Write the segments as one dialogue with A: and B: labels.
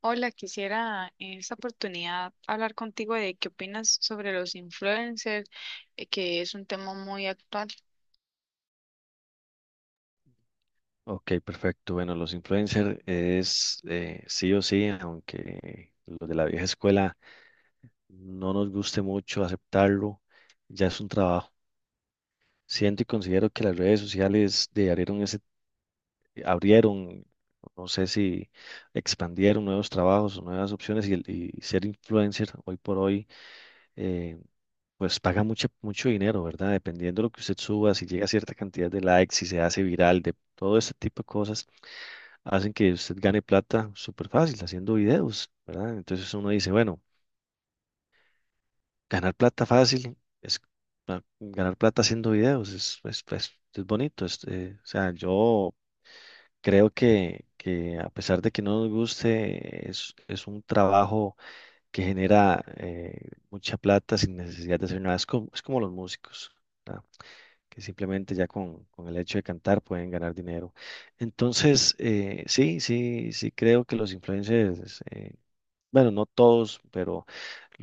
A: Hola, quisiera en esta oportunidad hablar contigo de qué opinas sobre los influencers, que es un tema muy actual.
B: Ok, perfecto. Bueno, los influencers es sí o sí, aunque los de la vieja escuela no nos guste mucho aceptarlo, ya es un trabajo. Siento y considero que las redes sociales de abrieron ese, abrieron, no sé si expandieron nuevos trabajos o nuevas opciones y ser influencer hoy por hoy, eh, pues paga mucho, mucho dinero, ¿verdad? Dependiendo de lo que usted suba, si llega a cierta cantidad de likes, si se hace viral, de todo este tipo de cosas hacen que usted gane plata súper fácil haciendo videos, ¿verdad? Entonces uno dice, bueno, ganar plata fácil es ganar plata haciendo videos, es bonito. O sea, yo creo que a pesar de que no nos guste, es un trabajo que genera mucha plata sin necesidad de hacer nada. Es como los músicos, ¿verdad? Que simplemente ya con el hecho de cantar pueden ganar dinero. Entonces, sí creo que los influencers bueno, no todos, pero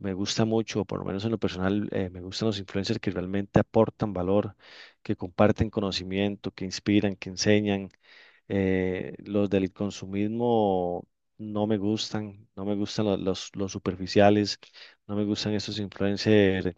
B: me gusta mucho, por lo menos en lo personal, me gustan los influencers que realmente aportan valor, que comparten conocimiento, que inspiran, que enseñan. Los del consumismo no me gustan, no me gustan los superficiales, no me gustan esos influencers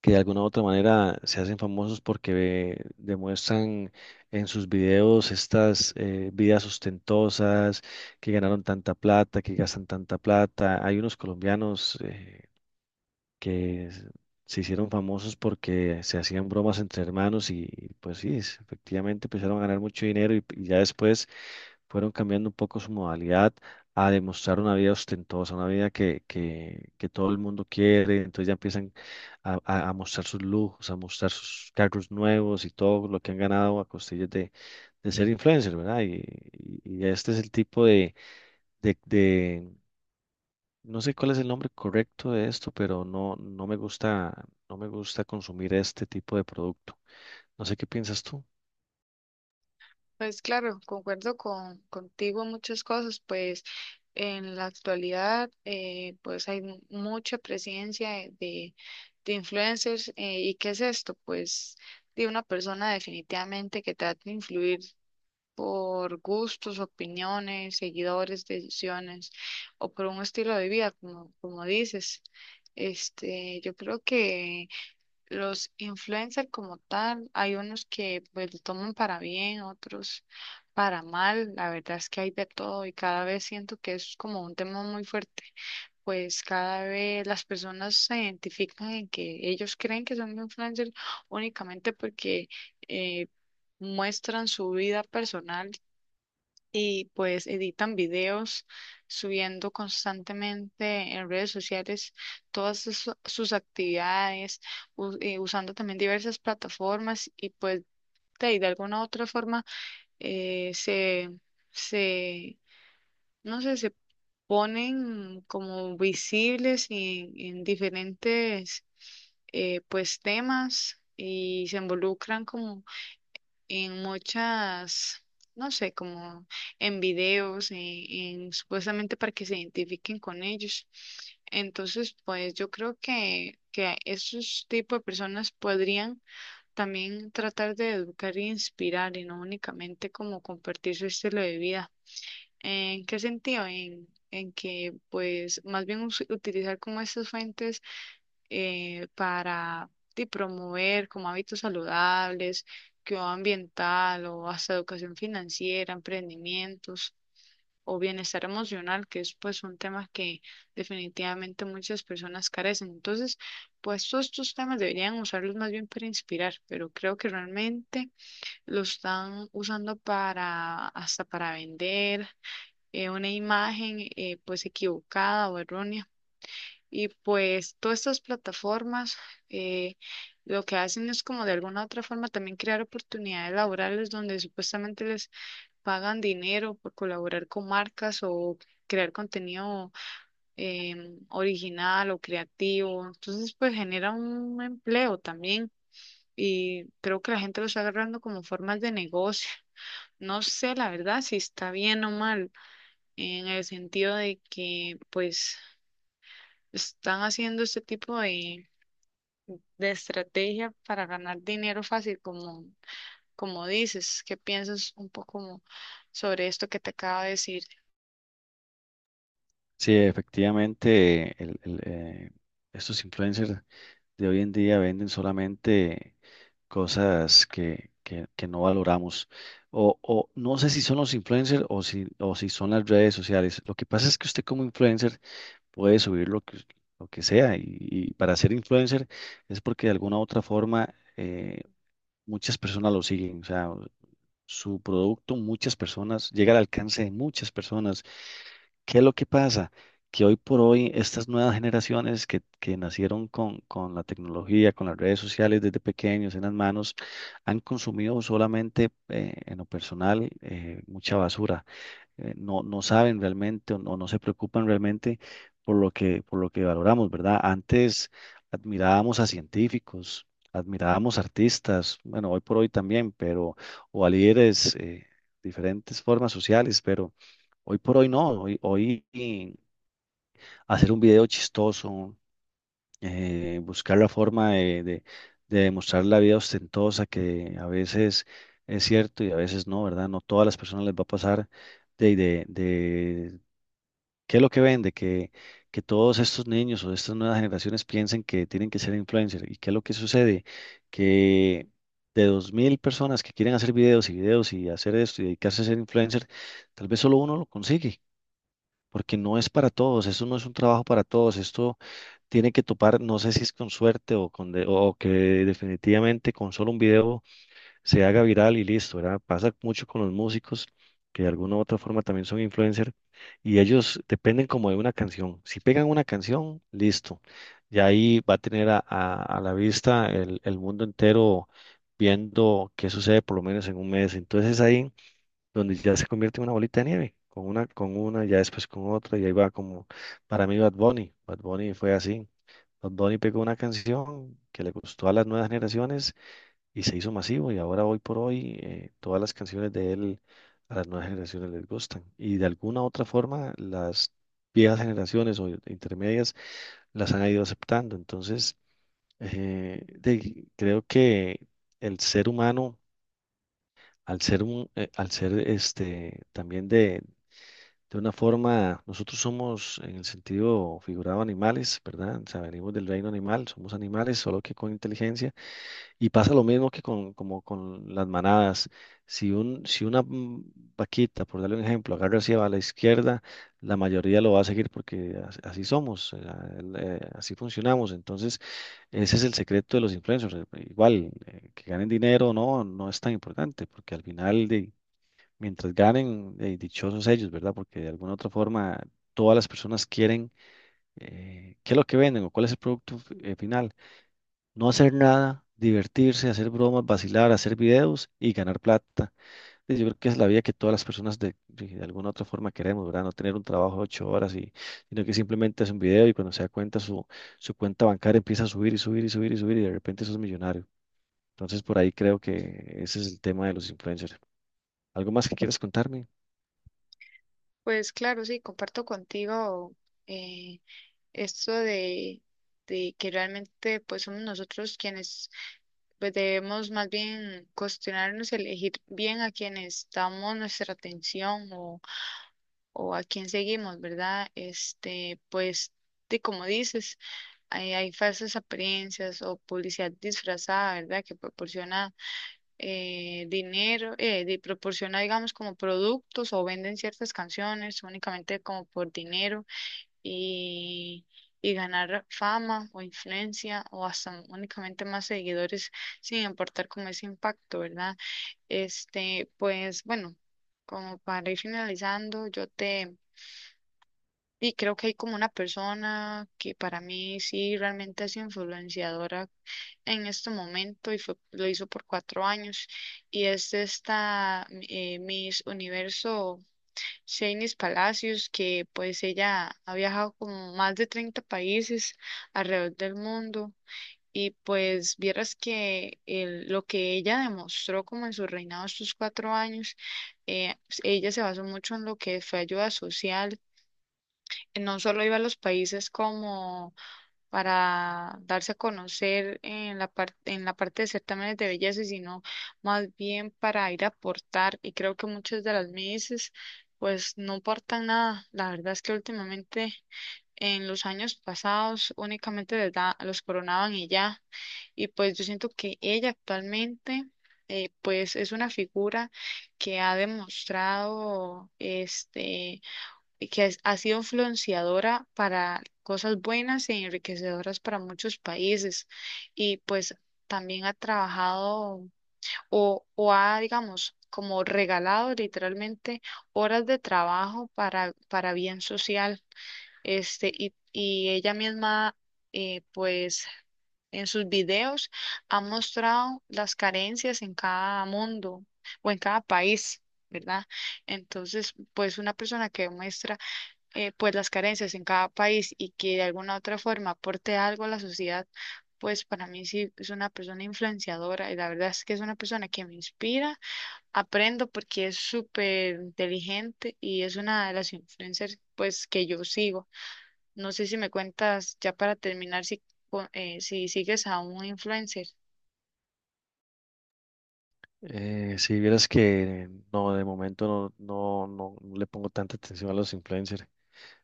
B: que de alguna u otra manera se hacen famosos porque demuestran en sus videos estas vidas ostentosas, que ganaron tanta plata, que gastan tanta plata. Hay unos colombianos que s- se hicieron famosos porque se hacían bromas entre hermanos y pues sí, efectivamente empezaron a ganar mucho dinero y ya después fueron cambiando un poco su modalidad a demostrar una vida ostentosa, una vida que todo el mundo quiere, entonces ya empiezan a mostrar sus lujos, a mostrar sus carros nuevos y todo lo que han ganado a costillas de ser influencer, ¿verdad? Y este es el tipo de no sé cuál es el nombre correcto de esto, pero no, no me gusta, no me gusta consumir este tipo de producto. No sé qué piensas tú.
A: Pues claro, concuerdo contigo en muchas cosas, pues en la actualidad pues hay mucha presencia de influencers. Y qué es esto? Pues de una persona definitivamente que trata de influir por gustos, opiniones, seguidores, decisiones o por un estilo de vida, como, como dices. Este, yo creo que los influencers como tal, hay unos que pues lo toman para bien, otros para mal. La verdad es que hay de todo y cada vez siento que es como un tema muy fuerte. Pues cada vez las personas se identifican en que ellos creen que son influencers únicamente porque eh, muestran su vida personal y pues editan videos subiendo constantemente en redes sociales todas sus actividades, usando también diversas plataformas y pues de alguna u otra forma eh, se, se, no sé, se ponen como visibles en diferentes pues temas y se involucran como en muchas, no sé, como en videos, en supuestamente para que se identifiquen con ellos. Entonces, pues yo creo que esos tipos de personas podrían también tratar de educar e inspirar y no únicamente como compartir su estilo de vida. ¿En qué sentido? En que pues más bien utilizar como estas fuentes para de promover como hábitos saludables, cuidado ambiental o hasta educación financiera, emprendimientos o bienestar emocional, que es pues un tema que definitivamente muchas personas carecen. Entonces, pues todos estos temas deberían usarlos más bien para inspirar, pero creo que realmente lo están usando para hasta para vender una imagen pues equivocada o errónea. Y pues todas estas plataformas eh, lo que hacen es como de alguna u otra forma también crear oportunidades laborales donde supuestamente les pagan dinero por colaborar con marcas o crear contenido original o creativo. Entonces pues genera un empleo también y creo que la gente lo está agarrando como formas de negocio. No sé la verdad si está bien o mal en el sentido de que pues están haciendo este tipo de estrategia para ganar dinero fácil, como, como dices, ¿qué piensas un poco como sobre esto que te acabo de decir?
B: Sí, efectivamente, estos influencers de hoy en día venden solamente cosas que no valoramos. O no sé si son los influencers o si son las redes sociales. Lo que pasa es que usted como influencer puede subir lo que sea y para ser influencer es porque de alguna u otra forma... muchas personas lo siguen, o sea, su producto, muchas personas, llega al alcance de muchas personas. ¿Qué es lo que pasa? Que hoy por hoy estas nuevas generaciones que nacieron con la tecnología, con las redes sociales desde pequeños en las manos, han consumido solamente en lo personal mucha basura no saben realmente o no, no se preocupan realmente por lo que valoramos, ¿verdad? Antes admirábamos a científicos, admirábamos artistas, bueno, hoy por hoy también, pero, o a líderes, diferentes formas sociales, pero hoy por hoy no, hoy hacer un video chistoso, buscar la forma de demostrar la vida ostentosa que a veces... Es cierto y a veces no, ¿verdad? No todas las personas les va a pasar de ¿qué es lo que vende? Que todos estos niños o estas nuevas generaciones piensen que tienen que ser influencers. ¿Y qué es lo que sucede? Que de 2,000 personas que quieren hacer videos y videos y hacer esto y dedicarse a ser influencer, tal vez solo uno lo consigue, porque no es para todos, esto no es un trabajo para todos, esto tiene que topar, no sé si es con suerte o que definitivamente con solo un video se haga viral y listo, ¿verdad? Pasa mucho con los músicos que de alguna u otra forma también son influencers y ellos dependen como de una canción. Si pegan una canción, listo. Y ahí va a tener a la vista el mundo entero viendo qué sucede por lo menos en un mes. Entonces es ahí donde ya se convierte en una bolita de nieve, ya después con otra, y ahí va como, para mí Bad Bunny, Bad Bunny fue así. Bad Bunny pegó una canción que le gustó a las nuevas generaciones y se hizo masivo y ahora hoy por hoy todas las canciones de él a las nuevas generaciones les gustan y de alguna otra forma las viejas generaciones o intermedias las han ido aceptando. Entonces, creo que el ser humano, al ser este también de una forma, nosotros somos en el sentido figurado animales, ¿verdad? O sea, venimos del reino animal, somos animales, solo que con inteligencia. Y pasa lo mismo como con las manadas. Si una vaquita, por darle un ejemplo, agarra hacia la izquierda, la mayoría lo va a seguir porque así somos, así funcionamos. Entonces, ese es el secreto de los influencers. Igual, que ganen dinero o no, no es tan importante, porque al final, mientras ganen, dichosos ellos, ¿verdad? Porque de alguna u otra forma, todas las personas quieren qué es lo que venden o cuál es el producto final. No hacer nada, divertirse, hacer bromas, vacilar, hacer videos y ganar plata. Y yo creo que es la vida que todas las personas de alguna otra forma queremos, ¿verdad? No tener un trabajo de 8 horas sino que simplemente hace un video y cuando se da cuenta su cuenta bancaria empieza a subir y subir y subir y subir y de repente sos millonario. Entonces por ahí creo que ese es el tema de los influencers. ¿Algo más que quieras contarme?
A: Pues claro, sí, comparto contigo eh, esto de que realmente pues somos nosotros quienes pues debemos más bien cuestionarnos, elegir bien a quienes damos nuestra atención o a quién seguimos, ¿verdad? Este, pues, de como dices, hay falsas apariencias o publicidad disfrazada, ¿verdad? Que proporciona dinero, proporciona, digamos, como productos o venden ciertas canciones únicamente como por dinero y, y ganar fama o influencia o hasta únicamente más seguidores sin importar como ese impacto, ¿verdad? Este, pues, bueno. Como para ir finalizando, y creo que hay como una persona que para mí sí realmente es influenciadora en este momento y fue, lo hizo por 4 años. Y es esta Miss Universo Shanice Palacios, que pues ella ha viajado como más de 30 países alrededor del mundo. Y pues vieras que lo que ella demostró como en su reinado estos 4 años, eh, ella se basó mucho en lo que fue ayuda social, no solo iba a los países como para darse a conocer en la parte de certámenes de belleza, sino más bien para ir a aportar. Y creo que muchas de las Misses pues no aportan nada. La verdad es que últimamente en los años pasados únicamente los coronaban y ya. Y pues yo siento que ella actualmente pues es una figura que ha demostrado este que ha sido influenciadora para cosas buenas e enriquecedoras para muchos países y pues también ha trabajado o ha, digamos, como regalado literalmente horas de trabajo para bien social, este, y ella misma, pues, en sus videos ha mostrado las carencias en cada mundo o en cada país, ¿verdad? Entonces, pues, una persona que muestra pues las carencias en cada país y que de alguna u otra forma aporte algo a la sociedad, pues para mí sí es una persona influenciadora y la verdad es que es una persona que me inspira, aprendo porque es súper inteligente y es una de las influencers pues que yo sigo. No sé si me cuentas ya para terminar si, si sigues a un influencer.
B: Si vieras que no, de momento no le pongo tanta atención a los influencers.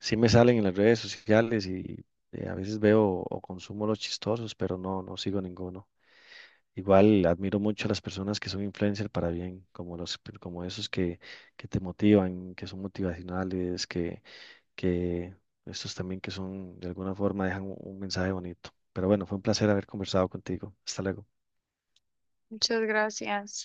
B: Sí me salen en las redes sociales y a veces veo o consumo los chistosos, pero no, no sigo ninguno. Igual admiro mucho a las personas que son influencers para bien, como esos que te motivan, que son motivacionales, que estos también que son de alguna forma dejan un mensaje bonito. Pero bueno, fue un placer haber conversado contigo. Hasta luego.
A: Muchas gracias.